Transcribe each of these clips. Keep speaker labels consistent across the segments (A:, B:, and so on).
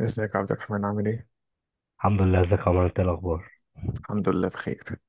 A: ازيك يا عبد الرحمن عامل ايه؟
B: الحمد لله. ازيك يا عمر؟ انت إيه الاخبار؟
A: الحمد لله بخير.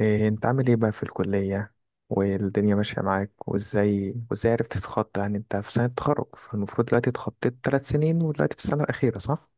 A: إيه انت عامل ايه بقى في الكلية والدنيا ماشية معاك وازاي، وازاي عرفت تتخطى، يعني انت في سنة تخرج فالمفروض دلوقتي اتخطيت ثلاث سنين ودلوقتي في السنة الأخيرة صح؟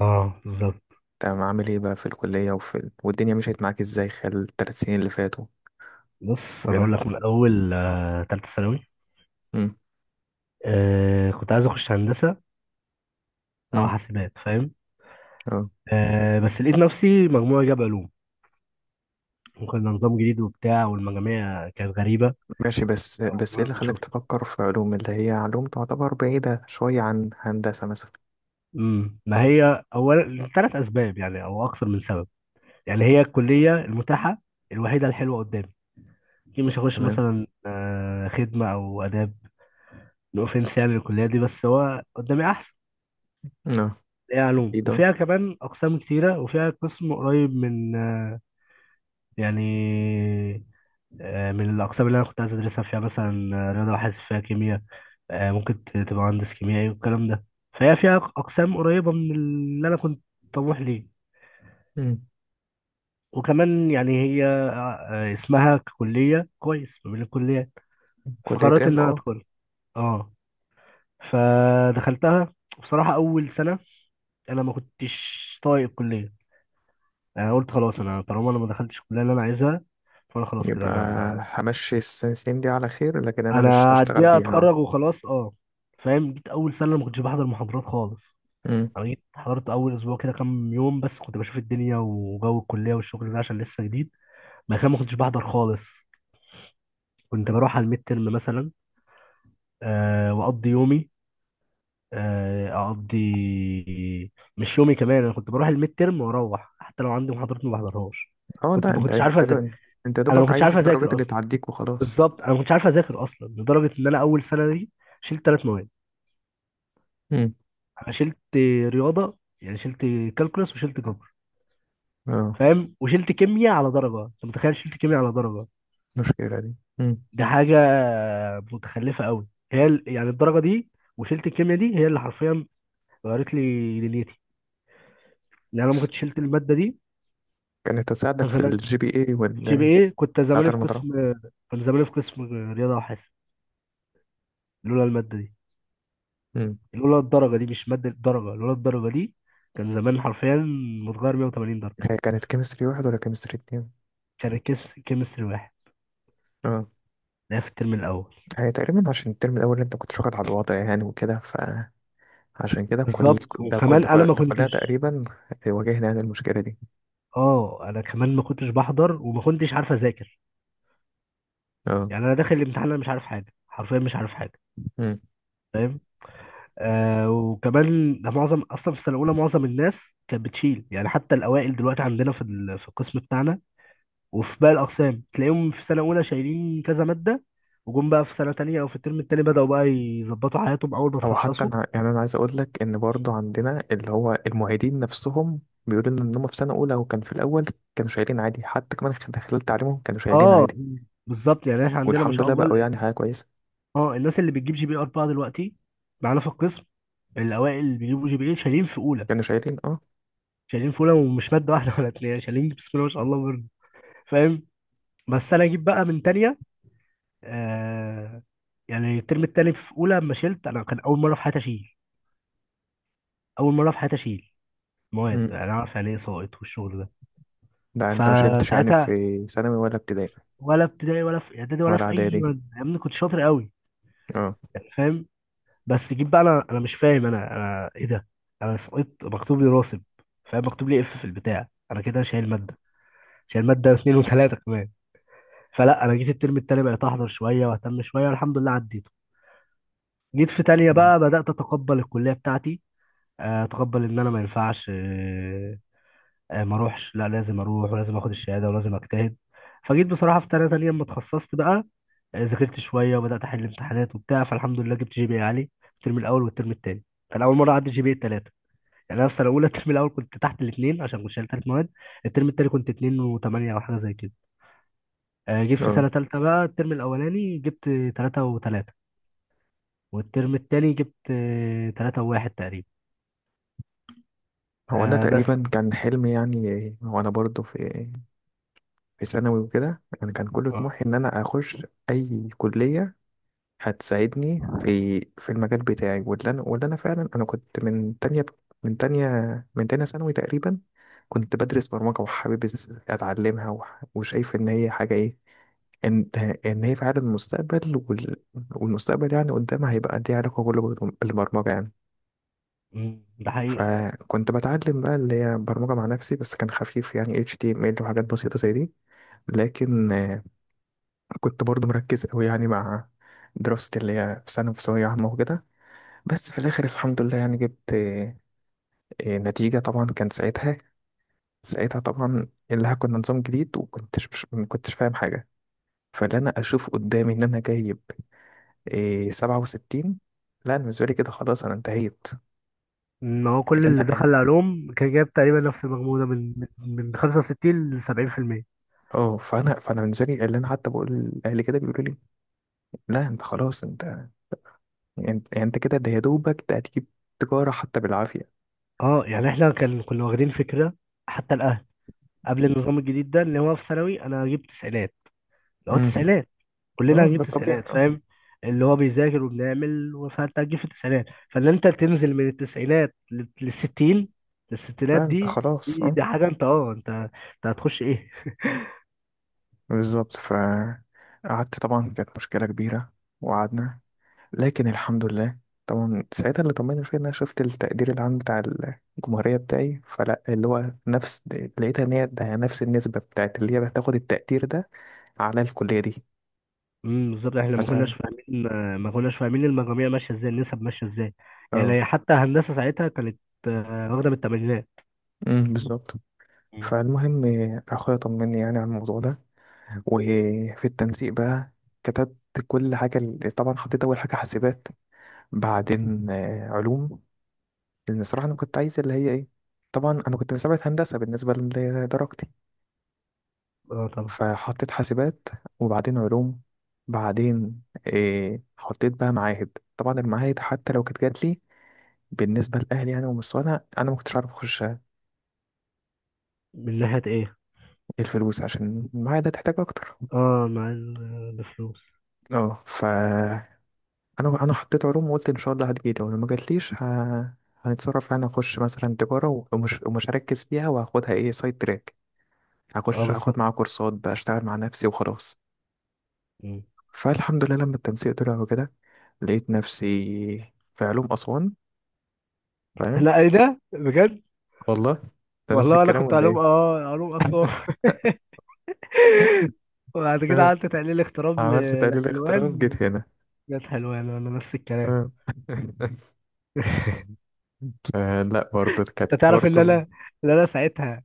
B: اه، بالظبط.
A: تمام عامل ايه بقى في الكلية وفي والدنيا مشيت معاك ازاي خلال الثلاث سنين اللي فاتوا.
B: بص، انا اقول
A: وكده.
B: لك من اول تالتة ثانوي.
A: امم.
B: كنت عايز اخش هندسه او
A: امم.
B: حاسبات، فاهم.
A: اه.
B: بس لقيت نفسي مجموعه جاب علوم. وكان ده نظام جديد وبتاع، والمجاميع كانت غريبه.
A: ماشي بس
B: أول
A: بس ايه
B: مرة
A: اللي خلاك
B: نشوف.
A: تفكر في علوم، اللي هي علوم تعتبر بعيدة شوية عن هندسة مثلا.
B: ما هي اولا ثلاث اسباب، يعني او اكثر من سبب. يعني هي الكليه المتاحه الوحيده الحلوه قدامي. اكيد مش هخش
A: تمام.
B: مثلا خدمه او اداب. نو اوفنس يعني الكليه دي، بس هو قدامي احسن.
A: اه.
B: هي
A: ايه
B: علوم
A: ده؟
B: وفيها كمان أقسام كتيرة، وفيها قسم قريب من يعني من الأقسام اللي أنا كنت عايز أدرسها فيها، مثلا رياضة وحاسب، فيها كيمياء. ممكن تبقى مهندس كيميائي والكلام ده. فهي فيها أقسام قريبة من اللي أنا كنت طموح ليه.
A: مم.
B: وكمان يعني هي اسمها كلية كويس ما بين الكليات.
A: كلية.
B: فقررت إن
A: ام
B: أنا
A: اه
B: أدخل. أه فدخلتها. بصراحة، أول سنة أنا ما كنتش طايق الكلية. يعني قلت خلاص، انا طالما انا ما دخلتش الكليه اللي انا عايزها، فانا خلاص كده،
A: يبقى
B: انا
A: همشي السنسين دي على خير، لكن انا مش
B: انا
A: هشتغل
B: هديها
A: بيها.
B: اتخرج وخلاص، اه. فاهم. جيت اول سنه ما كنتش بحضر محاضرات خالص.
A: امم.
B: انا جيت حضرت اول اسبوع كده، كام يوم بس، كنت بشوف الدنيا وجو الكليه والشغل ده، عشان لسه جديد. ما كنتش بحضر خالص. كنت بروح على الميد ترم مثلا. واقضي يومي. آه، اقضي مش يومي كمان. انا كنت بروح الميد ترم، واروح حتى لو عندي محاضرات ما بحضرهاش.
A: اه. لا،
B: ما كنتش عارف
A: انت يا
B: انا ما
A: دوبك
B: كنتش
A: عايز
B: عارف
A: الدرجات
B: اذاكر.
A: اللي تعديك وخلاص.
B: بالظبط، انا ما كنتش عارف اذاكر اصلا، لدرجه ان انا اول سنه دي شلت ثلاث مواد.
A: امم.
B: انا شلت رياضه، يعني شلت كالكولس وشلت جبر،
A: اه.
B: فاهم. وشلت كيمياء على درجه، انت متخيل؟ شلت كيمياء على درجه،
A: المشكلة دي. امم.
B: دي حاجه متخلفه قوي. هي يعني الدرجه دي. وشلت الكيمياء دي هي اللي حرفيا غيرت لي دنيتي، لان انا ما كنتش شلت الماده دي،
A: كانت
B: كان
A: هتساعدك في
B: زمان
A: الجي بي اي
B: جي بي اي.
A: بتاعت المطرح.
B: كنت زماني في قسم رياضه وحاسب. لولا الماده دي،
A: امم.
B: لولا الدرجه دي، مش ماده، الدرجه، لولا الدرجه دي، كان زمان حرفيا متغير 180 درجه.
A: هي كانت كيمستري واحد ولا كيمستري اتنين؟
B: عشان الكيمستري واحد
A: اه.
B: ده في الترم الاول.
A: هي تقريبا عشان الترم الاول انت كنت واخد على الوضع يعني وكده، فعشان كده كل
B: بالظبط،
A: ده كل
B: وكمان
A: ده,
B: انا
A: كل
B: ما
A: ده كلها
B: كنتش.
A: تقريبا واجهنا يعني المشكلة دي.
B: اه، انا كمان ما كنتش بحضر وما كنتش عارف اذاكر.
A: اه.
B: يعني انا داخل الامتحان انا مش عارف حاجه، حرفيا مش عارف حاجه، فاهم. وكمان ده معظم اصلا. في سنه اولى معظم الناس كانت بتشيل، يعني حتى الاوائل دلوقتي عندنا في القسم بتاعنا، وفي باقي الأقسام تلاقيهم في سنة أولى شايلين كذا مادة. وجم بقى في سنة تانية، أو في الترم التاني، بدأوا بقى يظبطوا حياتهم أول ما
A: هو حتى
B: اتخصصوا.
A: انا يعني انا عايز اقول لك ان برضو عندنا اللي هو المعيدين نفسهم بيقولوا لنا ان هم في سنه اولى، وكان في الاول كانوا شايلين عادي حتى كمان خلال تعليمهم كانوا شايلين
B: اه،
A: عادي.
B: بالظبط. يعني احنا عندنا ما
A: والحمد
B: شاء
A: لله
B: الله
A: بقوا يعني حاجه كويسه.
B: اه، الناس اللي بتجيب جي بي 4 دلوقتي معانا في القسم، الأوائل اللي بيجيبوا جي بي ايه شايلين في أولى،
A: كانوا شايلين اه.
B: شايلين في أولى، ومش مادة واحدة ولا اتنين، شايلين بسم الله ما شاء الله برد، فاهم. بس أنا أجيب بقى من تانية، آه يعني الترم التاني في أولى لما شلت أنا، كان أول مرة في حياتي أشيل مواد.
A: امم
B: أنا أعرف يعني إيه سائط والشغل ده؟
A: ده انت ما شلتش يعني
B: فساعتها
A: في ثانوي ولا ابتدائي؟
B: ولا ابتدائي ولا في اعدادي ولا
A: ولا
B: في اي
A: اعدادي.
B: مادة، يا ابني كنت شاطر قوي.
A: اه.
B: يعني، فاهم. بس جيت بقى، انا مش فاهم انا، ايه ده؟ انا سقطت، مكتوب لي راسب، فاهم. مكتوب لي اف في البتاع، انا كده شايل ماده، شايل ماده اتنين وتلاته كمان. فلا، انا جيت الترم التاني بقيت احضر شويه واهتم شويه، والحمد لله عديته. جيت في تانية بقى، بدات اتقبل الكليه بتاعتي. اتقبل ان انا ما ينفعش ما اروحش، لا، لازم اروح ولازم اخد الشهاده ولازم اجتهد. فجيت بصراحه في تانية، تانية لما اتخصصت بقى، يعني ذاكرت شويه وبدات احل امتحانات وبتاع، فالحمد لله جبت جي بي إيه عالي الترم الاول والترم الثاني. كان اول مره اعدي جي بي الثلاثه. يعني انا في سنه اولى الترم الاول كنت تحت الاثنين، عشان كنت شايل ثلاث مواد. الترم الثاني كنت 2 و8، او حاجه زي كده. جيت في
A: اه.
B: سنه ثالثه بقى، الترم الاولاني جبت 3 و3، والترم الثاني جبت 3 و1 تقريبا.
A: هو انا
B: آه، بس.
A: تقريبا كان حلمي يعني، هو انا برضو في ثانوي وكده، انا كان كل
B: آه.
A: طموحي ان انا اخش اي كليه هتساعدني في المجال بتاعي، واللي انا فعلا انا كنت من تانية من تانية ثانوي تقريبا. كنت بدرس برمجة وحابب اتعلمها، وشايف ان هي حاجة ايه، ان ان هي فعلا المستقبل والمستقبل يعني قدامها هيبقى ليه علاقة كله بالبرمجة يعني.
B: ده حقيقي.
A: فكنت بتعلم بقى اللي هي برمجة مع نفسي، بس كان خفيف يعني HTML وحاجات بسيطة زي دي. لكن كنت برضو مركز قوي يعني مع دراستي اللي هي في سنة في ثانوية عامة وكده. بس في الاخر الحمد لله يعني جبت نتيجة. طبعا كان ساعتها، ساعتها طبعا اللي كنا نظام جديد وكنتش مش ما كنتش فاهم حاجة. فاللي انا اشوف قدامي ان انا جايب 67. لا، انا بالنسبة لي كده خلاص انا انتهيت.
B: ان هو كل
A: اللي
B: اللي
A: انا
B: دخل علوم كان جايب تقريبا نفس المجموع ده، من 65 ل 70%.
A: اه، فانا بالنسبة لي اللي انا حتى بقول لاهلي كده بيقولوا لي لا انت خلاص انت، انت كده، ده يا دوبك ده هتجيب تجارة حتى بالعافية.
B: اه، يعني احنا كنا واخدين فكره، حتى الاهل. قبل النظام الجديد ده، اللي هو في ثانوي انا جبت تسعينات، اللي هو
A: امم.
B: تسعينات، كلنا
A: اه، ده
B: هنجيب
A: الطبيعي
B: تسعينات،
A: اه.
B: فاهم. اللي هو بيذاكر وبنعمل، فانت هتجيب في التسعينات. فان انت تنزل من التسعينات للستين، للستينات
A: لا، انت
B: دي،
A: خلاص
B: دي,
A: اه.
B: دي حاجه، انت انت هتخش ايه؟
A: بالظبط. فقعدت طبعا كانت مشكلة كبيرة وقعدنا، لكن الحمد لله طبعا ساعتها اللي طمني فيه ان انا شفت التقدير العام بتاع الجمهورية بتاعي، فلا اللي هو نفس، لقيتها ان هي ده نفس النسبة بتاعت اللي هي بتاخد التقدير ده على الكلية دي.
B: بالظبط، احنا ما كناش
A: فساعة
B: فاهمين. ما كناش فاهمين المجاميع ماشيه ازاي، النسب ماشيه ازاي.
A: اه.
B: يعني حتى هندسه ساعتها كانت واخده من الثمانينات.
A: بالظبط.
B: مم.
A: فالمهم اخويا طمني يعني على الموضوع ده، وفي التنسيق بقى كتبت كل حاجة طبعا حطيت أول حاجة حاسبات، بعدين علوم، لان الصراحه انا كنت عايز اللي هي ايه، طبعا انا كنت مسابقة هندسه بالنسبه لدرجتي.
B: اه، طبعا.
A: فحطيت حاسبات وبعدين علوم، بعدين إيه حطيت بقى معاهد، طبعا المعاهد حتى لو كانت جات لي بالنسبه لاهلي يعني ومستوانا انا ما كنتش عارف اخش
B: من ناحيه ايه؟
A: الفلوس، عشان المعاهد هتحتاج اكتر.
B: اه، مع الفلوس.
A: اه، فانا أنا حطيت علوم وقلت ان شاء الله هتجيلي، ولو ما جاتليش هنتصرف يعني اخش مثلا تجاره ومش هركز فيها، وهاخدها ايه سايد تراك،
B: اه،
A: هخش اخد
B: بالظبط.
A: معاها كورسات بقى، اشتغل مع نفسي وخلاص. فالحمد لله لما التنسيق طلع وكده لقيت نفسي في علوم أسوان فاهم.
B: لا، ايه ده؟ بجد؟
A: والله ده نفس
B: والله، انا
A: الكلام
B: كنت
A: ولا
B: علوم،
A: إيه؟
B: علوم اسوان. وبعد كده
A: آه.
B: قعدت تحليل اغتراب
A: عملت تقليل اغتراب
B: لحلوان.
A: جيت هنا.
B: جت حلوان ولا نفس الكلام؟
A: آه. آه، لا برضه كانت
B: انت تعرف ان
A: برضه.
B: انا ان انا ساعتها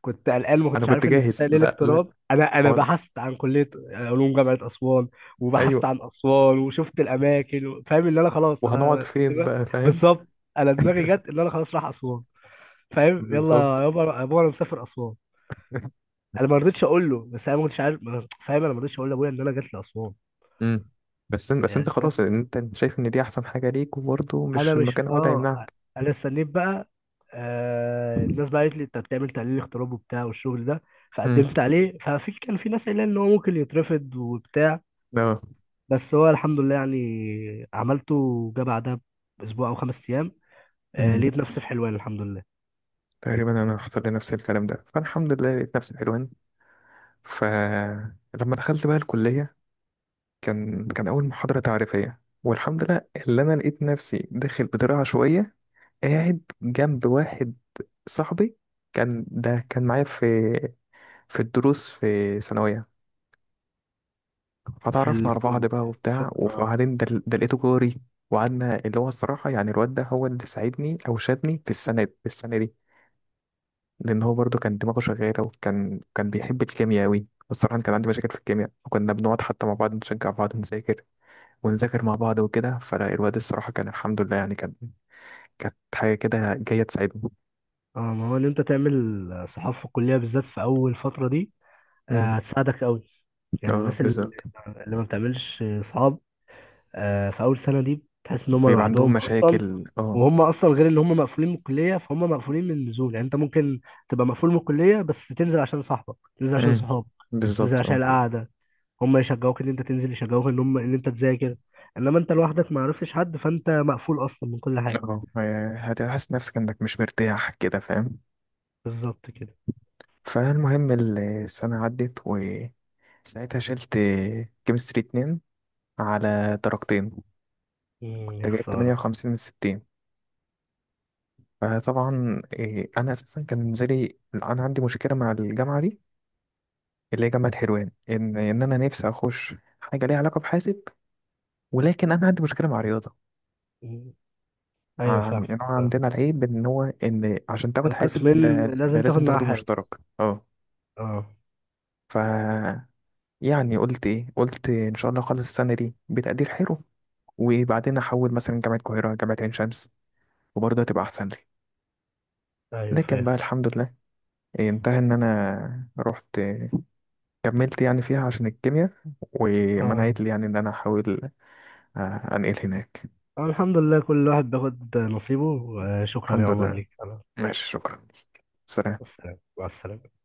B: كنت قلقان، ما
A: أنا
B: كنتش
A: كنت
B: عارف ان في
A: جاهز
B: تحليل
A: لا، لا.
B: اغتراب، انا
A: هو أنا-
B: بحثت عن كليه علوم جامعه اسوان، وبحثت
A: أيوه،
B: عن اسوان وشفت الاماكن فاهم ان انا خلاص
A: وهنقعد
B: انا
A: فين
B: كده.
A: بقى فاهم.
B: بالظبط. انا دماغي جت ان انا خلاص رايح اسوان، فاهم، يلا.
A: بالظبط.
B: يا بابا، انا مسافر اسوان. انا ما رضيتش اقول له، بس انا ما كنتش عارف، فاهم. انا ما رضيتش اقول لابويا ان انا جات لاسوان.
A: مم. بس أنت
B: يعني، فاهم.
A: خلاص، أنت شايف إن دي أحسن حاجة ليك وبرضه مش
B: انا مش
A: المكان هو اللي هيمنعك.
B: انا استنيت بقى. الناس بقى قالت لي انت بتعمل تحليل اغتراب وبتاع والشغل ده،
A: مم.
B: فقدمت عليه. كان في ناس قايله ان هو ممكن يترفض وبتاع،
A: اه.
B: بس هو الحمد لله يعني عملته، وجا بعدها باسبوع او خمس ايام.
A: مم.
B: لقيت نفسي في حلوان، الحمد لله.
A: تقريبا انا حصل لي نفس الكلام ده، فالحمد لله لقيت نفسي حلوان. فلما دخلت بقى الكليه كان اول محاضره تعريفيه، والحمد لله اللي انا لقيت نفسي داخل بطريقه عشوائيه قاعد جنب واحد صاحبي، كان ده كان معايا في الدروس في ثانويه.
B: في
A: فتعرفنا على بعض
B: الكل،
A: بقى وبتاع،
B: في
A: وبعدين ده لقيته جاري. وقعدنا، اللي هو الصراحه يعني الواد ده هو اللي ساعدني او شادني في السنه دي لان هو برضو كان دماغه شغاله، وكان بيحب الكيمياء قوي، والصراحه أنا كان عندي مشاكل في الكيمياء، وكنا بنقعد حتى مع بعض نشجع بعض نذاكر، ونذاكر مع بعض وكده، فالواد الصراحه كان الحمد لله يعني كانت حاجه كده جايه تساعدهم.
B: ما هو ان انت تعمل صحافه في الكليه بالذات في اول فتره دي،
A: امم.
B: هتساعدك قوي. يعني
A: اه
B: الناس اللي
A: بالظبط.
B: اللي ما بتعملش صحاب، في اول سنه دي تحس ان هم
A: بيبقى عندهم
B: لوحدهم اصلا.
A: مشاكل اه.
B: وهم اصلا غير ان هم مقفولين من الكليه، فهم مقفولين من النزول. يعني انت ممكن تبقى مقفول من الكليه، بس تنزل عشان صاحبك، تنزل عشان
A: امم.
B: صحابك، تنزل
A: بالظبط
B: عشان
A: اه.
B: القعده. هم يشجعوك ان انت تنزل، يشجعوك ان هم ان انت تذاكر. انما انت لوحدك ما عرفتش حد، فانت مقفول اصلا من كل حاجه.
A: اه. هتحس نفسك انك مش مرتاح كده فاهم.
B: بالظبط كده.
A: فالمهم السنه عدت، وساعتها شلت كيمستري اتنين على درجتين، كنت
B: يا
A: جايب
B: خساره.
A: 58 من 60. فطبعا انا اساسا كان نزلي، انا عندي مشكله مع الجامعه دي اللي هي جامعه حلوان، ان انا نفسي اخش حاجه ليها علاقه بحاسب، ولكن انا عندي مشكله مع الرياضه.
B: مم. ايوه،
A: يعني
B: فاهم.
A: أنا
B: فاهم.
A: عندنا العيب ان هو ان عشان تاخد حاسب
B: القسمين
A: ده
B: لازم تاخد
A: لازم
B: معاها
A: تاخده
B: حاجه.
A: مشترك. اه.
B: اه،
A: ف يعني قلت ايه، قلت ان شاء الله اخلص السنه دي بتقدير حلو، وبعدين احول مثلا جامعه القاهره، جامعه عين شمس، وبرضه هتبقى احسن لي.
B: ايوه
A: لكن
B: فاهم،
A: بقى الحمد لله انتهى ان انا رحت كملت يعني فيها عشان الكيمياء،
B: اه.
A: ومنعت لي يعني ان انا احاول انقل هناك.
B: الحمد لله كل واحد بياخد نصيبه. شكرا يا
A: الحمد
B: عمر،
A: لله.
B: ليك أنا.
A: ماشي، شكرا. سلام.
B: السلام، مع السلامة.